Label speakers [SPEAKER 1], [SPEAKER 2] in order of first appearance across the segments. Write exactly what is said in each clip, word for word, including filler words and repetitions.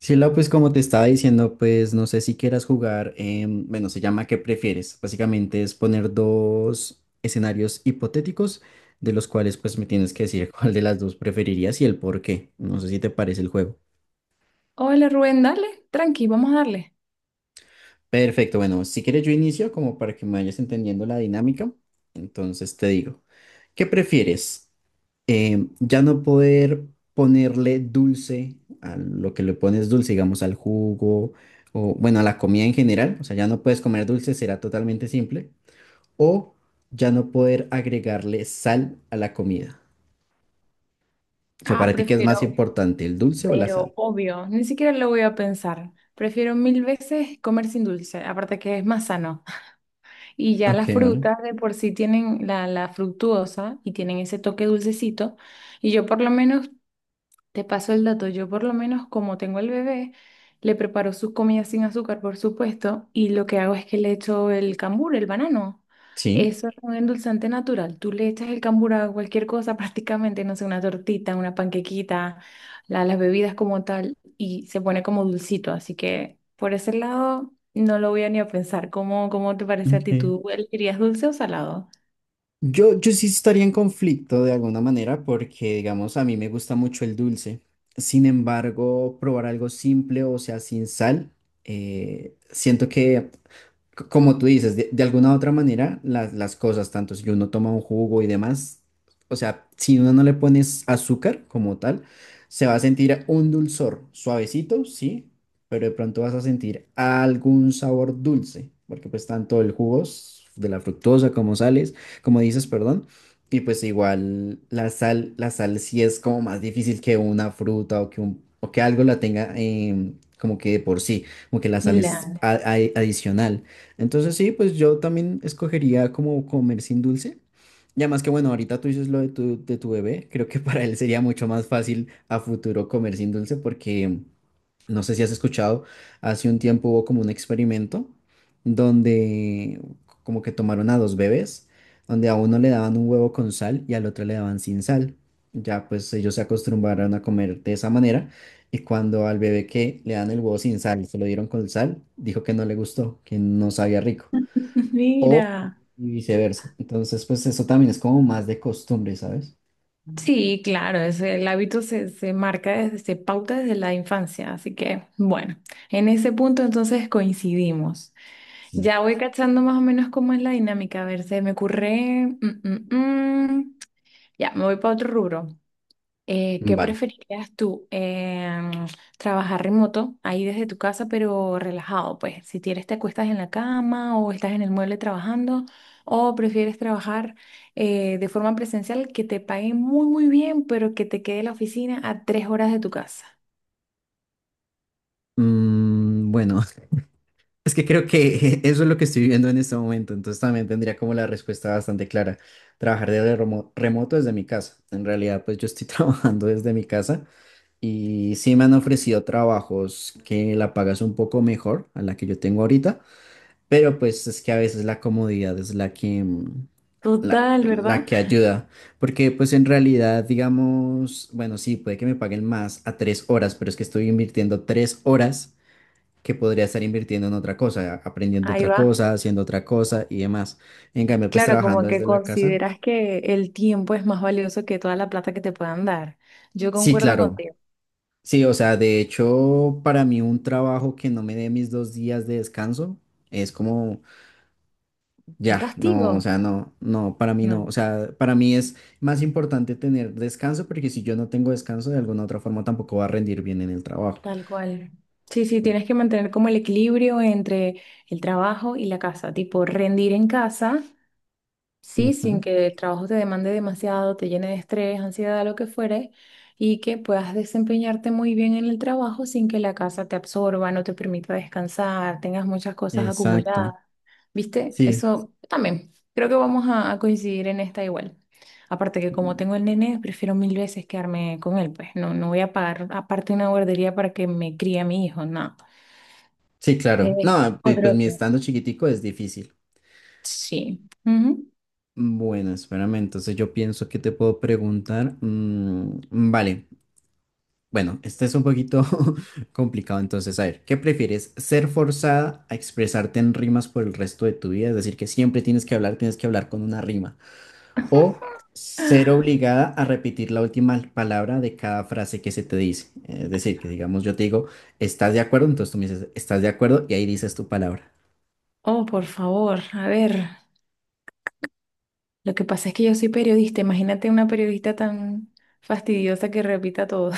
[SPEAKER 1] Sí, Lau, pues como te estaba diciendo, pues no sé si quieras jugar, em, bueno, se llama ¿Qué prefieres? Básicamente es poner dos escenarios hipotéticos de los cuales pues me tienes que decir cuál de las dos preferirías y el por qué. No sé si te parece el juego.
[SPEAKER 2] Hola Rubén, dale, tranqui, vamos a darle.
[SPEAKER 1] Perfecto, bueno, si quieres yo inicio como para que me vayas entendiendo la dinámica. Entonces te digo, ¿qué prefieres? Em, ya no poder ponerle dulce a lo que le pones dulce, digamos al jugo o bueno, a la comida en general, o sea, ya no puedes comer dulce, será totalmente simple, o ya no poder agregarle sal a la comida. O sea,
[SPEAKER 2] Ah,
[SPEAKER 1] para ti, ¿qué es más
[SPEAKER 2] prefiero,
[SPEAKER 1] importante, el dulce o la
[SPEAKER 2] pero
[SPEAKER 1] sal?
[SPEAKER 2] obvio, ni siquiera lo voy a pensar. Prefiero mil veces comer sin dulce, aparte que es más sano. Y ya
[SPEAKER 1] Ok,
[SPEAKER 2] las
[SPEAKER 1] vale.
[SPEAKER 2] frutas de por sí tienen la, la fructuosa y tienen ese toque dulcecito. Y yo por lo menos te paso el dato. Yo por lo menos como tengo el bebé, le preparo sus comidas sin azúcar, por supuesto, y lo que hago es que le echo el cambur, el banano.
[SPEAKER 1] Sí.
[SPEAKER 2] Eso es un endulzante natural. Tú le echas el cambur a cualquier cosa prácticamente, no sé, una tortita, una panquequita, la- las bebidas como tal, y se pone como dulcito. Así que por ese lado no lo voy a ni a pensar. ¿Cómo, cómo te parece a ti?
[SPEAKER 1] Ok.
[SPEAKER 2] ¿Tú elegirías dulce o salado?
[SPEAKER 1] Yo, yo sí estaría en conflicto de alguna manera porque, digamos, a mí me gusta mucho el dulce. Sin embargo, probar algo simple, o sea, sin sal, eh, siento que c- como tú dices, de, de alguna u otra manera, las, las cosas, tanto si uno toma un jugo y demás, o sea, si uno no le pones azúcar como tal, se va a sentir un dulzor suavecito, sí, pero de pronto vas a sentir algún sabor dulce, porque pues tanto el jugo s- de la fructosa como sales, como dices, perdón, y pues igual la sal, la sal sí es como más difícil que una fruta o que un, o que algo la tenga em, como que de por sí como que la sal es
[SPEAKER 2] Claro.
[SPEAKER 1] a- a- adicional. Entonces sí, pues yo también escogería como comer sin dulce. Y además que bueno, ahorita tú dices lo de tu, de tu bebé, creo que para él sería mucho más fácil a futuro comer sin dulce porque no sé si has escuchado, hace un tiempo hubo como un experimento donde como que tomaron a dos bebés, donde a uno le daban un huevo con sal y al otro le daban sin sal. Ya pues ellos se acostumbraron a comer de esa manera y cuando al bebé que le dan el huevo sin sal y se lo dieron con sal, dijo que no le gustó, que no sabía rico. O,
[SPEAKER 2] Mira.
[SPEAKER 1] y viceversa. Entonces, pues eso también es como más de costumbre, ¿sabes?
[SPEAKER 2] Sí, claro, es, el hábito se, se marca desde, se pauta desde la infancia, así que bueno, en ese punto entonces coincidimos.
[SPEAKER 1] Sí.
[SPEAKER 2] Ya voy cachando más o menos cómo es la dinámica, a ver, se me ocurre, mm, mm, mm. Ya, me voy para otro rubro. Eh, ¿qué
[SPEAKER 1] Vale.
[SPEAKER 2] preferirías tú? Em, trabajar remoto, ahí desde tu casa, pero relajado, pues. Si quieres, te acuestas en la cama o estás en el mueble trabajando, o prefieres trabajar eh, de forma presencial que te paguen muy, muy bien, pero que te quede la oficina a tres horas de tu casa.
[SPEAKER 1] Mm, bueno, es que creo que eso es lo que estoy viviendo en este momento. Entonces también tendría como la respuesta bastante clara. Trabajar desde remo- remoto desde mi casa. En realidad, pues yo estoy trabajando desde mi casa y sí me han ofrecido trabajos que la pagas un poco mejor a la que yo tengo ahorita. Pero pues es que a veces la comodidad es la que, mm, la,
[SPEAKER 2] Total,
[SPEAKER 1] la
[SPEAKER 2] ¿verdad?
[SPEAKER 1] que ayuda. Porque pues en realidad, digamos, bueno, sí, puede que me paguen más a tres horas, pero es que estoy invirtiendo tres horas que podría estar invirtiendo en otra cosa, aprendiendo
[SPEAKER 2] Ahí
[SPEAKER 1] otra
[SPEAKER 2] va.
[SPEAKER 1] cosa, haciendo otra cosa y demás. En cambio, pues
[SPEAKER 2] Claro, como
[SPEAKER 1] trabajando
[SPEAKER 2] que
[SPEAKER 1] desde la casa.
[SPEAKER 2] consideras que el tiempo es más valioso que toda la plata que te puedan dar. Yo
[SPEAKER 1] Sí,
[SPEAKER 2] concuerdo
[SPEAKER 1] claro.
[SPEAKER 2] contigo.
[SPEAKER 1] Sí, o sea, de hecho, para mí un trabajo que no me dé mis dos días de descanso es como.
[SPEAKER 2] ¿Un
[SPEAKER 1] Ya,
[SPEAKER 2] castigo?
[SPEAKER 1] no, o sea, no, no, para mí no, o
[SPEAKER 2] No.
[SPEAKER 1] sea, para mí es más importante tener descanso porque si yo no tengo descanso de alguna otra forma tampoco va a rendir bien en el trabajo.
[SPEAKER 2] Tal cual. Sí, sí, tienes que mantener como el equilibrio entre el trabajo y la casa, tipo rendir en casa. Sí,
[SPEAKER 1] Ujú.
[SPEAKER 2] sin que el trabajo te demande demasiado, te llene de estrés, ansiedad, lo que fuere, y que puedas desempeñarte muy bien en el trabajo sin que la casa te absorba, no te permita descansar, tengas muchas cosas
[SPEAKER 1] Exacto.
[SPEAKER 2] acumuladas. ¿Viste?
[SPEAKER 1] Sí,
[SPEAKER 2] Eso también. Creo que vamos a, a coincidir en esta igual. Aparte que como tengo el nene, prefiero mil veces quedarme con él, pues no, no voy a pagar aparte una guardería para que me críe a mi hijo, no.
[SPEAKER 1] sí, claro.
[SPEAKER 2] Eh,
[SPEAKER 1] No, pu- pues
[SPEAKER 2] otro
[SPEAKER 1] mi
[SPEAKER 2] tema.
[SPEAKER 1] estando chiquitico es difícil.
[SPEAKER 2] Sí. Ujú.
[SPEAKER 1] Bueno, espérame, entonces yo pienso que te puedo preguntar. Mm, vale, bueno, este es un poquito complicado, entonces, a ver, ¿qué prefieres? ¿Ser forzada a expresarte en rimas por el resto de tu vida? Es decir, que siempre tienes que hablar, tienes que hablar con una rima. O ser obligada a repetir la última palabra de cada frase que se te dice. Es decir, que digamos yo te digo, ¿estás de acuerdo? Entonces tú me dices, ¿estás de acuerdo? Y ahí dices tu palabra.
[SPEAKER 2] Oh, por favor, a ver. Lo que pasa es que yo soy periodista. Imagínate una periodista tan fastidiosa que repita todo.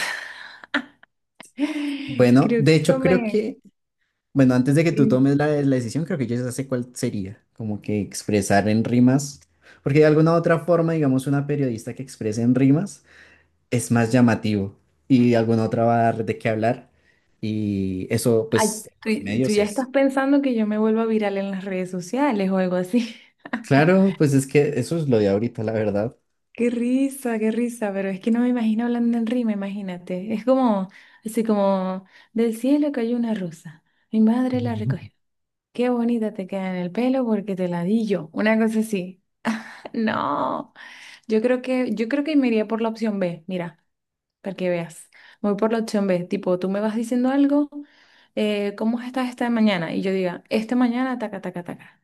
[SPEAKER 1] Bueno,
[SPEAKER 2] Creo
[SPEAKER 1] de
[SPEAKER 2] que
[SPEAKER 1] hecho
[SPEAKER 2] eso
[SPEAKER 1] creo
[SPEAKER 2] me...
[SPEAKER 1] que, bueno, antes de que tú tomes la, la decisión, creo que yo ya sé cuál sería, como que expresar en rimas, porque de alguna u otra forma, digamos, una periodista que exprese en rimas es más llamativo y de alguna otra va a dar de qué hablar y eso
[SPEAKER 2] Ay,
[SPEAKER 1] pues en los
[SPEAKER 2] tú, tú
[SPEAKER 1] medios
[SPEAKER 2] ya estás
[SPEAKER 1] es.
[SPEAKER 2] pensando que yo me vuelva viral en las redes sociales o algo así.
[SPEAKER 1] Claro, pues es que eso es lo de ahorita, la verdad.
[SPEAKER 2] Qué risa, qué risa, pero es que no me imagino hablando en rima, imagínate. Es como, así como, del cielo cayó una rosa. Mi madre la recogió. Qué bonita te queda en el pelo porque te la di yo. Una cosa así. No, yo creo que, yo creo que me iría por la opción B, mira, para que veas. Voy por la opción B, tipo, tú me vas diciendo algo, eh, ¿cómo estás esta mañana? Y yo diga, esta mañana, taca, taca, taca.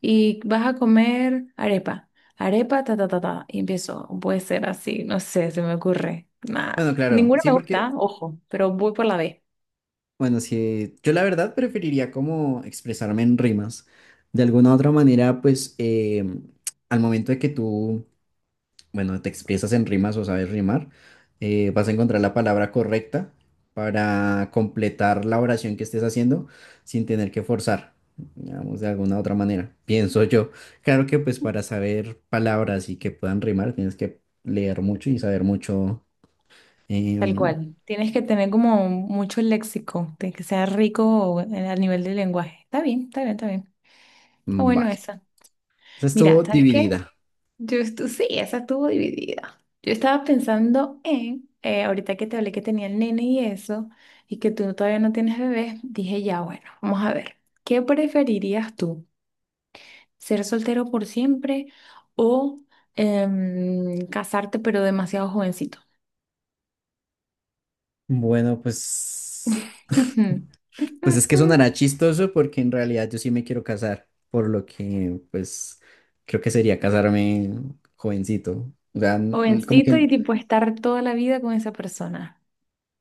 [SPEAKER 2] Y vas a comer arepa, arepa, ta, ta, ta, ta. Y empiezo, puede ser así, no sé, se me ocurre. Nada,
[SPEAKER 1] Bueno, claro,
[SPEAKER 2] ninguna
[SPEAKER 1] sí,
[SPEAKER 2] me
[SPEAKER 1] porque,
[SPEAKER 2] gusta, ojo, pero voy por la B,
[SPEAKER 1] bueno, sí, yo la verdad preferiría como expresarme en rimas. De alguna u otra manera, pues eh, al momento de que tú bueno, te expresas en rimas o sabes rimar, eh, vas a encontrar la palabra correcta para completar la oración que estés haciendo sin tener que forzar, digamos, de alguna u otra manera, pienso yo. Claro que pues para saber palabras y que puedan rimar tienes que leer mucho y saber mucho.
[SPEAKER 2] tal
[SPEAKER 1] em,
[SPEAKER 2] cual. Tienes que tener como mucho léxico, de que sea rico a nivel de lenguaje. Está bien, está bien, está bien. Está bueno
[SPEAKER 1] vale,
[SPEAKER 2] esa.
[SPEAKER 1] esa
[SPEAKER 2] Mira,
[SPEAKER 1] estuvo
[SPEAKER 2] ¿sabes qué?
[SPEAKER 1] dividida.
[SPEAKER 2] Yo estu- sí, esa estuvo dividida. Yo estaba pensando en, eh, ahorita que te hablé que tenía el nene y eso, y que tú todavía no tienes bebé, dije ya, bueno, vamos a ver, ¿qué preferirías tú? ¿Ser soltero por siempre o em, casarte pero demasiado jovencito?
[SPEAKER 1] Bueno, pues Pues es que sonará chistoso porque en realidad yo sí me quiero casar, por lo que pues creo que sería casarme jovencito. O sea, n- n- como
[SPEAKER 2] Jovencito
[SPEAKER 1] que
[SPEAKER 2] y tipo estar toda la vida con esa persona,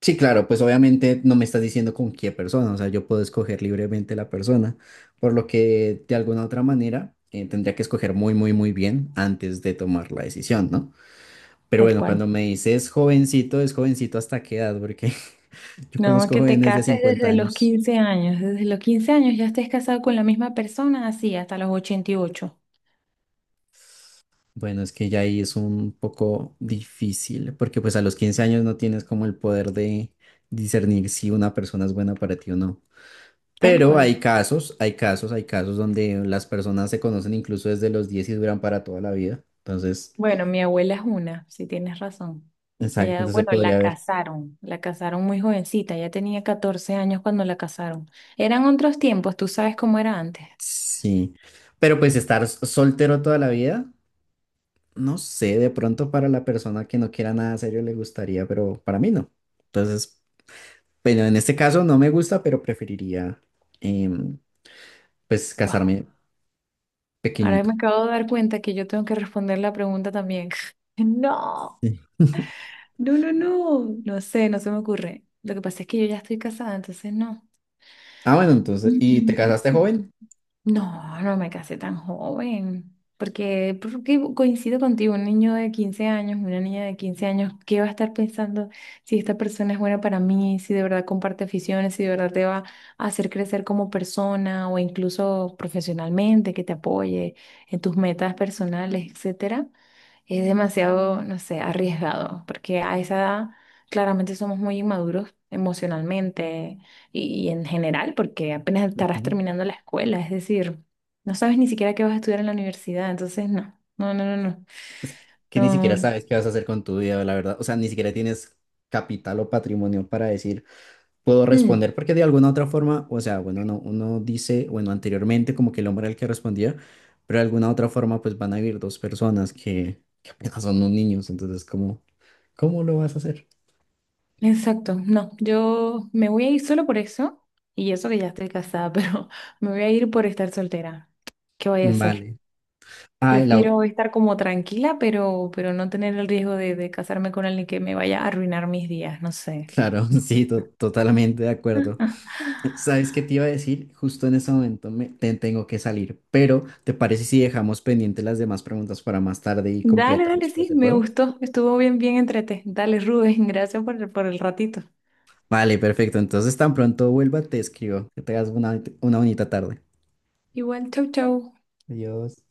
[SPEAKER 1] sí, claro, pues obviamente no me estás diciendo con qué persona, o sea, yo puedo escoger libremente la persona, por lo que de alguna otra manera eh, tendría que escoger muy, muy, muy bien antes de tomar la decisión, ¿no? Pero
[SPEAKER 2] tal
[SPEAKER 1] bueno,
[SPEAKER 2] cual.
[SPEAKER 1] cuando me dices jovencito, es jovencito hasta qué edad, porque yo
[SPEAKER 2] No,
[SPEAKER 1] conozco
[SPEAKER 2] que te
[SPEAKER 1] jóvenes de
[SPEAKER 2] cases
[SPEAKER 1] cincuenta
[SPEAKER 2] desde los
[SPEAKER 1] años.
[SPEAKER 2] quince años. Desde los quince años ya estés casado con la misma persona, así, hasta los ochenta y ocho.
[SPEAKER 1] Bueno, es que ya ahí es un poco difícil, porque pues a los quince años no tienes como el poder de discernir si una persona es buena para ti o no.
[SPEAKER 2] Tal
[SPEAKER 1] Pero
[SPEAKER 2] cual.
[SPEAKER 1] hay casos, hay casos, hay casos donde las personas se conocen incluso desde los diez y duran para toda la vida. Entonces,
[SPEAKER 2] Bueno, mi abuela es una, si tienes razón.
[SPEAKER 1] exacto,
[SPEAKER 2] Ella,
[SPEAKER 1] entonces
[SPEAKER 2] bueno,
[SPEAKER 1] podría
[SPEAKER 2] la
[SPEAKER 1] haber.
[SPEAKER 2] casaron, la casaron muy jovencita, ella tenía catorce años cuando la casaron. Eran otros tiempos, tú sabes cómo era antes.
[SPEAKER 1] Sí. Pero pues estar s- soltero toda la vida, no sé, de pronto para la persona que no quiera nada serio le gustaría, pero para mí no. Entonces, bueno, en este caso no me gusta, pero preferiría em, pues
[SPEAKER 2] Wow.
[SPEAKER 1] casarme
[SPEAKER 2] Ahora
[SPEAKER 1] pequeñito.
[SPEAKER 2] me acabo de dar cuenta que yo tengo que responder la pregunta también. No,
[SPEAKER 1] Sí.
[SPEAKER 2] no, no, no. No sé, no se me ocurre. Lo que pasa es que yo ya estoy casada, entonces no.
[SPEAKER 1] Ah, bueno, entonces, ¿y te casaste joven?
[SPEAKER 2] No, no me casé tan joven, porque, porque coincido contigo, un niño de quince años, una niña de quince años, ¿qué va a estar pensando si esta persona es buena para mí, si de verdad comparte aficiones, si de verdad te va a hacer crecer como persona o incluso profesionalmente, que te apoye en tus metas personales, etcétera? Es demasiado, no sé, arriesgado, porque a esa edad claramente somos muy inmaduros emocionalmente y, y en general, porque apenas estarás
[SPEAKER 1] Ujú.
[SPEAKER 2] terminando la escuela, es decir, no sabes ni siquiera qué vas a estudiar en la universidad, entonces no, no, no, no, no.
[SPEAKER 1] Es que ni
[SPEAKER 2] No,
[SPEAKER 1] siquiera sabes qué vas a hacer con tu vida, la verdad. O sea, ni siquiera tienes capital o patrimonio para decir, puedo
[SPEAKER 2] mm,
[SPEAKER 1] responder, porque de alguna otra forma, o sea, bueno, no, uno dice, bueno, anteriormente como que el hombre era el que respondía, pero de alguna otra forma pues van a vivir dos personas que, que apenas son unos niños, entonces, ¿cómo, cómo lo vas a hacer?
[SPEAKER 2] exacto, no, yo me voy a ir solo por eso, y eso que ya estoy casada, pero me voy a ir por estar soltera. ¿Qué voy a hacer?
[SPEAKER 1] Vale. Ah, la,
[SPEAKER 2] Prefiero estar como tranquila, pero, pero no tener el riesgo de, de casarme con alguien que me vaya a arruinar mis días, no sé.
[SPEAKER 1] claro, sí, to- totalmente de acuerdo. ¿Sabes qué te iba a decir? Justo en este momento me, te- tengo que salir, pero ¿te parece si dejamos pendientes las demás preguntas para más tarde y
[SPEAKER 2] Dale, dale,
[SPEAKER 1] completamos pues
[SPEAKER 2] sí,
[SPEAKER 1] el
[SPEAKER 2] me
[SPEAKER 1] juego?
[SPEAKER 2] gustó, estuvo bien, bien entrete. Dale, Rubén, gracias por, el- por el ratito.
[SPEAKER 1] Vale, perfecto. Entonces tan pronto vuelva, te escribo. Que tengas una, una bonita tarde.
[SPEAKER 2] Igual, chau, chau.
[SPEAKER 1] Adiós.